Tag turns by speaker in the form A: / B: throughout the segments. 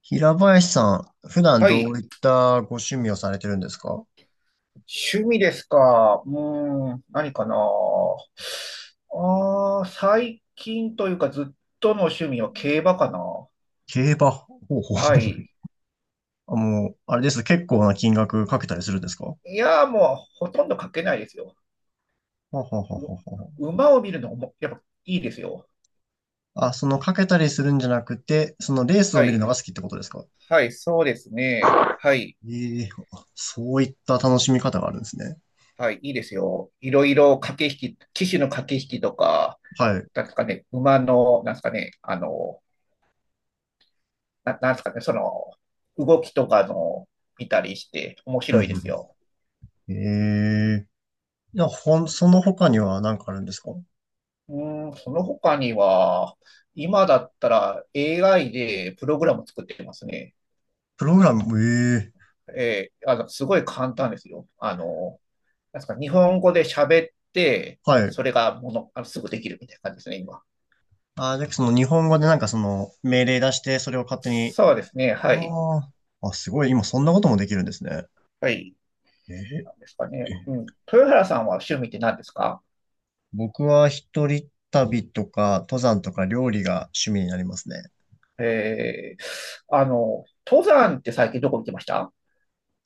A: 平林さん、普段
B: は
A: ど
B: い。
A: ういったご趣味をされてるんですか？
B: 趣味ですか。うーん、何かな。ああ、最近というかずっとの趣味は競馬かな。
A: 競馬。ほうほ
B: は
A: う。
B: い。
A: あ、もう、あれですね。結構な金額かけたりするんですか？ほ
B: いやー、もうほとんどかけないですよ。
A: うほうほう
B: う
A: ほうほう。
B: 馬を見るのもやっぱいいですよ。
A: あ、そのかけたりするんじゃなくて、そのレースを
B: は
A: 見る
B: い。
A: のが好きってことですか？
B: はい、そうですね。
A: あ、
B: はい。
A: ええあ、そういった楽しみ方があるんですね。
B: はい、いいですよ。いろいろ駆け引き、騎手の駆け引きとか、
A: はい。
B: なんですかね、馬の、なんですかね、あの、なんですかね、その、動きとかの見たりして面
A: うんう
B: 白いです
A: ん。
B: よ。
A: ええ。いや、その他には何かあるんですか？
B: うーん、その他には、今だったら AI でプログラム作ってますね。
A: プログラム。ええ。
B: あの、すごい簡単ですよ。あの、なんですか、日本語で喋って、
A: はい。
B: それがもの、あの、すぐできるみたいな感じですね、今。
A: あ、で、その日本語でなんかその命令出して、それを勝手に。
B: そうですね、はい。
A: ああ、あ、すごい、今そんなこともできるんですね。
B: はい。
A: えーえ。
B: なんですかね。うん。豊原さんは趣味って何ですか？
A: 僕は一人旅とか、登山とか料理が趣味になりますね。
B: えー、あの、登山って最近どこ行ってました？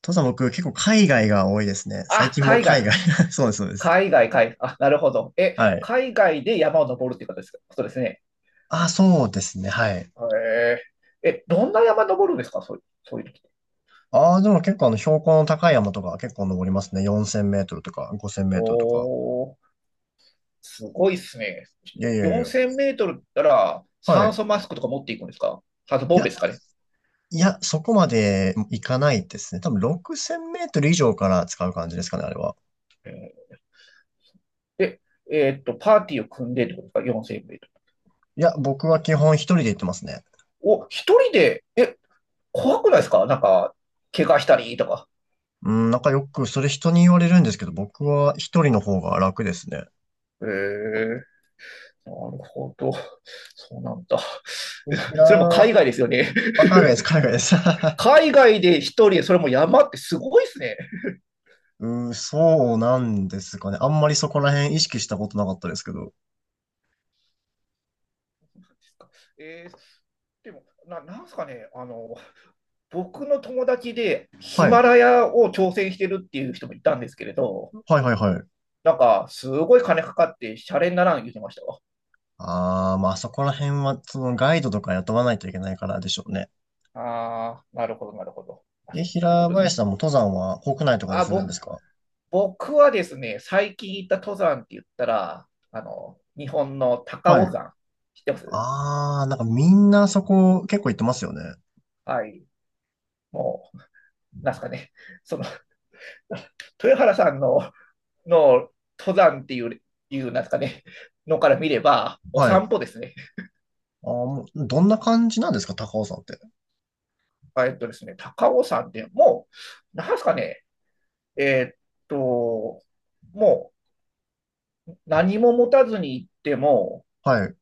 A: 登山、僕結構海外が多いですね。最
B: あ、
A: 近も
B: 海
A: 海
B: 外。
A: 外。そうです、そうです。
B: 海外、海外、あ、なるほど。え、
A: はい。
B: 海外で山を登るっていうことですか、ことですね。
A: あ、そうですね、はい。
B: へえ。え、どんな山登るんですか、そういう時って。
A: ああ、でも結構あの標高の高い山とか結構登りますね。4000メートルとか5000メートルとか。
B: おー、すごいっすね。
A: いやいやい
B: 4000
A: や。
B: メートルったら
A: は
B: 酸
A: い。
B: 素マスクとか持っていくんですか？酸素
A: い
B: ボン
A: や、
B: ベですかね。
A: いや、そこまでいかないですね。多分6000メートル以上から使う感じですかね、あれは。
B: えーで、パーティーを組んでってことですか ?4000 メートル。
A: いや、僕は基本一人で行ってますね。
B: お、一人で、え、怖くないですか、なんか、怪我したりとか。
A: うん、なんかよくそれ人に言われるんですけど、僕は一人の方が楽ですね。
B: へえ、なるほど。そうなんだ。
A: いや
B: それも
A: ー、
B: 海外ですよね。
A: あ、海 外です、海外です。
B: 海外で一人で、それも山ってすごいですね。
A: うん、そうなんですかね。あんまりそこら辺意識したことなかったですけど。
B: えーでもなんすかね、あの、僕の友達でヒ
A: は
B: マ
A: い。
B: ラヤを挑戦してるっていう人もいたんですけれど、
A: はいはいはい。
B: なんか、すごい金かかって、シャレにならん言ってましたわ。
A: あー、まあそこら辺は、そのガイドとか雇わないといけないからでしょうね。
B: あー、なるほど、なるほど。あ、
A: え、
B: そう、そういうこ
A: 平
B: とですか。
A: 林さんも登山は国内とかで
B: あ、
A: するんですか？
B: 僕はですね、最近行った登山って言ったら、あの、日本の高
A: はい。
B: 尾山、知ってます？
A: あー、なんかみんなそこ結構行ってますよね。
B: はい。もう、なんすかね、その、豊原さんの登山っていう、いうなんですかね、のから見れば、お
A: はい。
B: 散歩ですね。
A: あー、もうどんな感じなんですか、高尾山って。
B: ですね、高尾山ってもう、なんですかね、えーっと、もう何も持たずに行っても、
A: はい。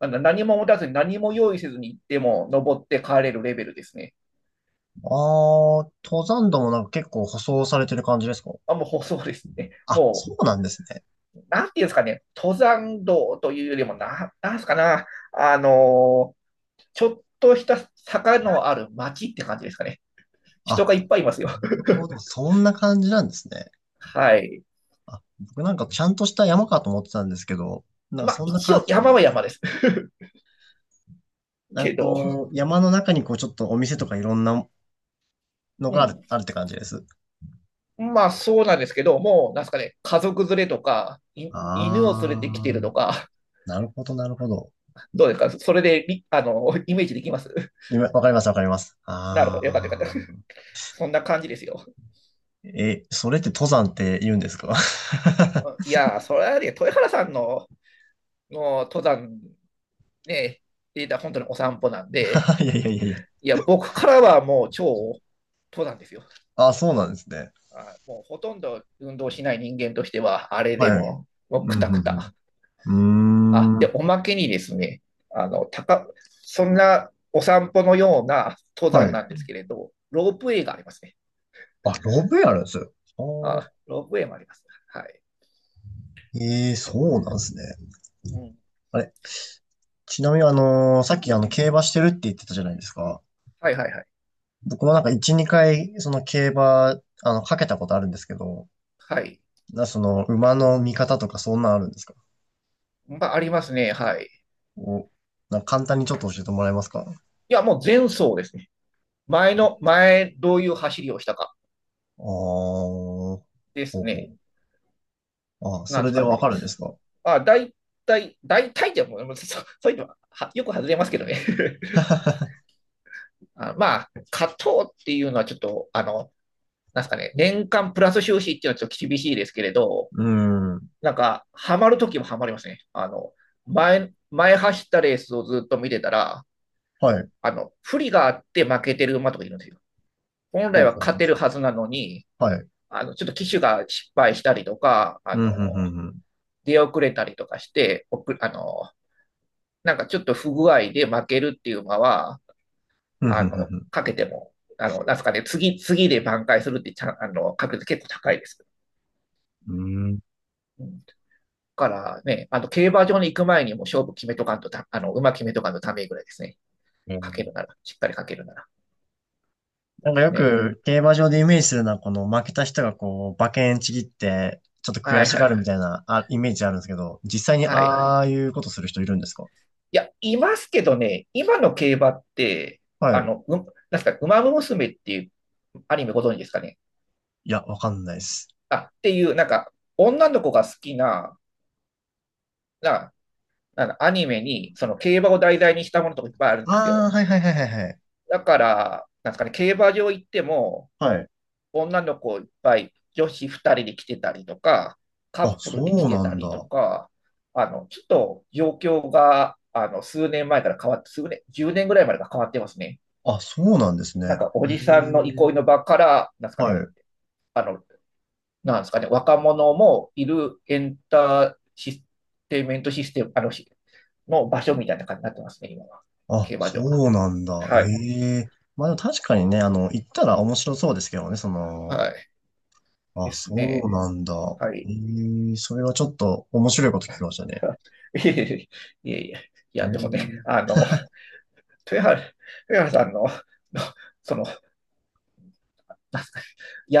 B: 何も持たずに何も用意せずに行っても登って帰れるレベルですね。
A: ああ、登山道もなんか結構舗装されてる感じですか？
B: あ、もうそうですね。
A: あ、
B: も
A: そうなんですね。
B: う、なんていうんですかね、登山道というよりも、なんですかな、あのーちょっとした坂のある街って感じですかね。人
A: あ、
B: がいっぱいいますよ。
A: なる ほど。そんな感じなんですね。
B: はい。
A: あ、僕なんかちゃんとした山かと思ってたんですけど、なんか
B: まあ、
A: そんな
B: 一
A: 感
B: 応
A: じでも
B: 山
A: ない
B: は
A: です。
B: 山です。
A: なんか
B: けど、
A: こう、山の中にこうちょっとお店とかいろんなの
B: う
A: があ
B: ん。
A: る、って感じです。
B: まあ、そうなんですけど、もう、なんすかね、家族連れとか、犬を連れてきて
A: あ
B: る
A: あ、
B: とか、
A: なるほど、なるほど。
B: どうですかそれでみあの、イメージできます？
A: 今、わかります、わかります。
B: なるほ
A: あ
B: ど。よかったよかった。
A: あ。
B: そんな感じですよ。
A: え、それって登山って言うんですか？
B: いやー、それはね、豊原さんの、の登山、ね、データ本当にお散歩なんで、
A: いやいやいやいや。
B: いや、僕からはもう超登山ですよ。
A: あ、そうなんですね。
B: あもうほとんど運動しない人間としては、あれで
A: はい。
B: も、もう
A: う
B: くたく
A: ん、
B: た。
A: うん、う
B: あ、
A: ん。うーん。
B: で、
A: は
B: おまけにですね、あの、高、そんなお散歩のような登山なんで
A: い。
B: すけれど、ロープウェイがありますね。
A: あ、ロブやるんですよ。
B: あ、
A: あ
B: ロープウェイもあります。はい。
A: ー、ええ、そうなんですね。
B: うん。
A: あれ、ちなみにさっきあ
B: う
A: の、
B: ん。
A: 競馬してるって言ってたじゃないですか。
B: はいはいはい。
A: 僕もなんか1、2回、その競馬、かけたことあるんですけど、
B: はい。
A: その、馬の見方とかそんなんあるんですか？
B: まあ、ありますね。はい。い
A: お、なんか簡単にちょっと教えてもらえますか？ああ、
B: や、もう前走ですね。前、どういう走りをしたか
A: ほ
B: です
A: う
B: ね。
A: ほう。あ、
B: な
A: そ
B: んで
A: れ
B: す
A: で
B: か
A: わ
B: ね。
A: かるんですか？
B: あ、大体でも、もうそ、そういうのはよく外れますけどね。あ、まあ、勝とうっていうのはちょっと、あの、なんですかね、年間プラス収支っていうのはちょっと厳しいですけれど、
A: うーん。
B: なんか、ハマるときもハマりますね。あの、前走ったレースをずっと見てたら、
A: はい。
B: あの、不利があって負けてる馬とかいるんですよ。本来
A: ほう
B: は
A: ほう。
B: 勝てるはずなのに、
A: はい。
B: あの、ちょっと騎手が失敗したりとか、あ
A: うん、
B: の、
A: ふんふんふん。
B: 出遅れたりとかして、あの、なんかちょっと不具合で負けるっていう馬は、
A: うん、ふ
B: あ
A: んふん
B: の、
A: ふん。
B: かけても、あの、なんすかね、次で挽回するってちゃん、あの、確率結構高いです。
A: うーん。
B: うんからね、あの、競馬場に行く前にもう勝負決めとかんとた、あの、馬決めとかんとダメぐらいですね。かけるなら、しっかりかけるなら
A: なん
B: で
A: か
B: す
A: よ
B: ね。
A: く競馬場でイメージするのは、この負けた人がこう、馬券ちぎって、ちょっと悔
B: はい
A: し
B: は
A: が
B: い。
A: るみたいな、あ、イメージあるんですけど、実際に
B: はい。
A: ああいうことする人いるんですか？
B: いや、いますけどね、今の競馬って、
A: は
B: あ
A: い。
B: の、うん、なんすか、馬娘っていうアニメご存知ですかね。
A: いや、わかんないです。
B: あ、っていう、なんか、女の子が好きな、な、なんだアニメに、その競馬を題材にしたものとかいっぱいあるんです
A: ああ、
B: よ。
A: はいはいはいはいはい。
B: だから、なんですかね、競馬場行っても、
A: はい。
B: 女の子いっぱい、女子2人で来てたりとか、カ
A: あ、
B: ップルで来
A: そう
B: て
A: な
B: た
A: ん
B: りと
A: だ。
B: か、あの、ちょっと状況が、あの、数年前から変わって、数年、10年ぐらいまでが変わってますね。
A: あ、そうなんですね。
B: なんか、お
A: え
B: じさんの憩い
A: え。
B: の場から、なんですか
A: は
B: ね、
A: い。
B: あの、なんですかね、若者もいるエンターシテイメントシステム、あの、の場所みたいな感じになってますね、今は。
A: あ、
B: 競馬場が。
A: そうなんだ。え
B: はい。
A: え。まあでも確かにね、行ったら面白そうですけどね、
B: はい。で
A: あ、
B: す
A: そ
B: ね。
A: うなんだ。
B: はい。
A: ええ、それはちょっと面白いこと聞きましたね。
B: いえいえ、いえいえ。い
A: え
B: や、でもね、
A: え。
B: あの、豊原、豊原さんのその、すか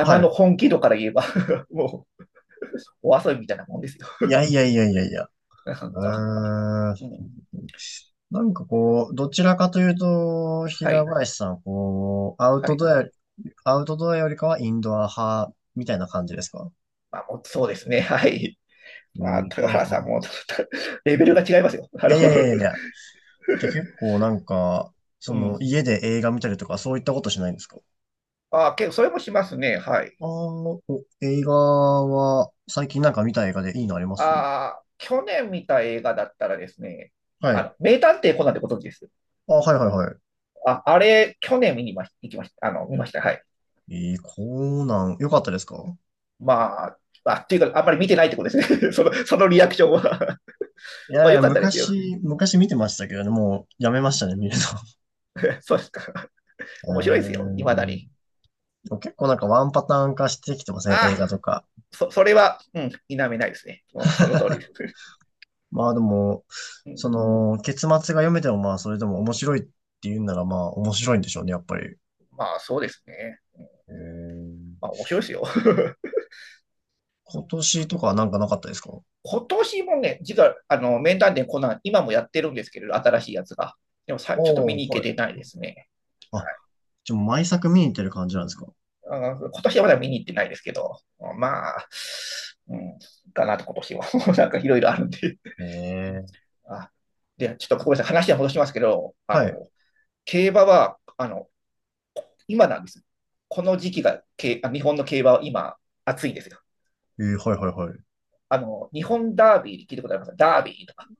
A: は
B: の
A: い。
B: 本気度から言えば もう、お遊びみたいなもんですよ。
A: いやいやいやいやいや。
B: ハンター、ハンタ
A: うーん、
B: ー。うん。
A: なんかこう、どちらかというと、
B: は
A: 平
B: い、
A: 林さんは、こう、
B: はい。
A: アウトドアよりかはインドア派みたいな感じですか？
B: まあ、もうそうですね。はい。まあ、
A: じゃ
B: 豊
A: あ、
B: 原さんも、レベルが違いますよ。あ
A: い
B: の
A: やいやいやいやい や。じゃあ結構なんか、そ
B: う
A: の、
B: ん。
A: 家で映画見たりとか、そういったことしないんですか？
B: あ、結構それもしますね。はい。
A: ああー、お、映画は、最近なんか見た映画でいいのあります？
B: ああ、去年見た映画だったらですね、
A: は
B: あ
A: い。
B: の、名探偵コナンってことです。
A: あ、はいはいは
B: あ、あれ、去年見にまし、行きました。あの、見ました。はい。
A: い。コナン、よかったですか？
B: まあ、あ、っていうか、あんまり見てないってことですね。そのリアクションは
A: い
B: まあ、
A: やい
B: 良
A: や、
B: かったですよ。
A: 昔見てましたけどね、もうやめましたね、見るの。
B: そうですか。
A: うー
B: 面白いですよ。未だ
A: ん。で
B: に。
A: も結構なんかワンパターン化してきてません？映
B: ああ、
A: 画とか。
B: それは、うん、否めないですね。もう、その通りです。
A: まあでも、
B: うん
A: その、結末が読めてもまあそれでも面白いっていうんならまあ面白いんでしょうね、やっぱり。
B: まあ、そうですね。
A: えー
B: まあ、面白いですよ。
A: 今年とかはなんかなかったですか？
B: 今年もね、実は、あの、面談でコナン、今もやってるんですけれど、新しいやつが。でもさ、ちょっと見
A: おお
B: に
A: ー、
B: 行け
A: はい。
B: てないですね。は
A: あ、
B: い。
A: じゃあ毎作見に行ってる感じなんですか？
B: うん今年はまだ見に行ってないですけど、まあ、うん、かなと、今年は。なんかいろいろあるんで。
A: えー
B: あで、ちょっとごめんなさい、話は戻しますけど、あ
A: はい。
B: の競馬はあの今なんです。この時期が日本の競馬は今、暑いんですよ。
A: はいはいはい。
B: あの日本ダービーで聞いたことありますか？ダービーとか。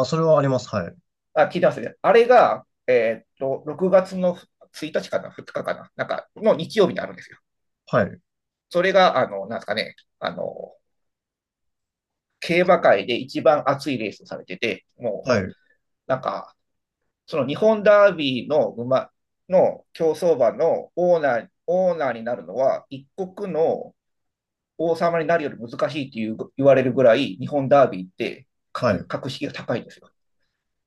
A: ああ、それはあります。はい。
B: あ、聞いてますね。あれが、6月の1日かな、2日かかな、なんかの日曜日にあるんですよ。
A: はい。
B: それが、あのなんですかね、あの競馬界で一番熱いレースをされてて、も
A: はい。
B: うなんかその日本ダービーの競走馬のオーナーになるのは、一国の王様になるより難しいっていう言われるぐらい、日本ダービーって
A: はい。
B: 格式が高いんですよ。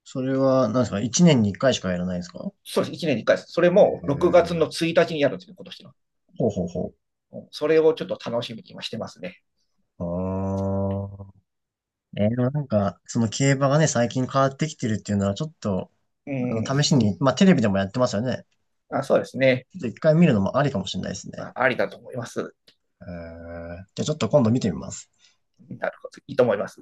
A: それは、なんですか、一年に一回しかやらないんですか？
B: そうです、1年に1回です。それ
A: え
B: も6月の
A: ー、
B: 1日にやるんですよ、今年の。
A: ほうほうほう。
B: それをちょっと楽しみに今してますね。
A: あーえーでもなんか、その競馬がね、最近変わってきてるっていうのは、ちょっと、
B: うん。
A: 試しに、まあ、テレビでもやってますよね。
B: あ、そうですね。
A: ちょっと一回見るのもありかもしれないですね。
B: まあありだと思います。
A: じゃあ、ちょっと今度見てみます。
B: なるほど。いいと思います。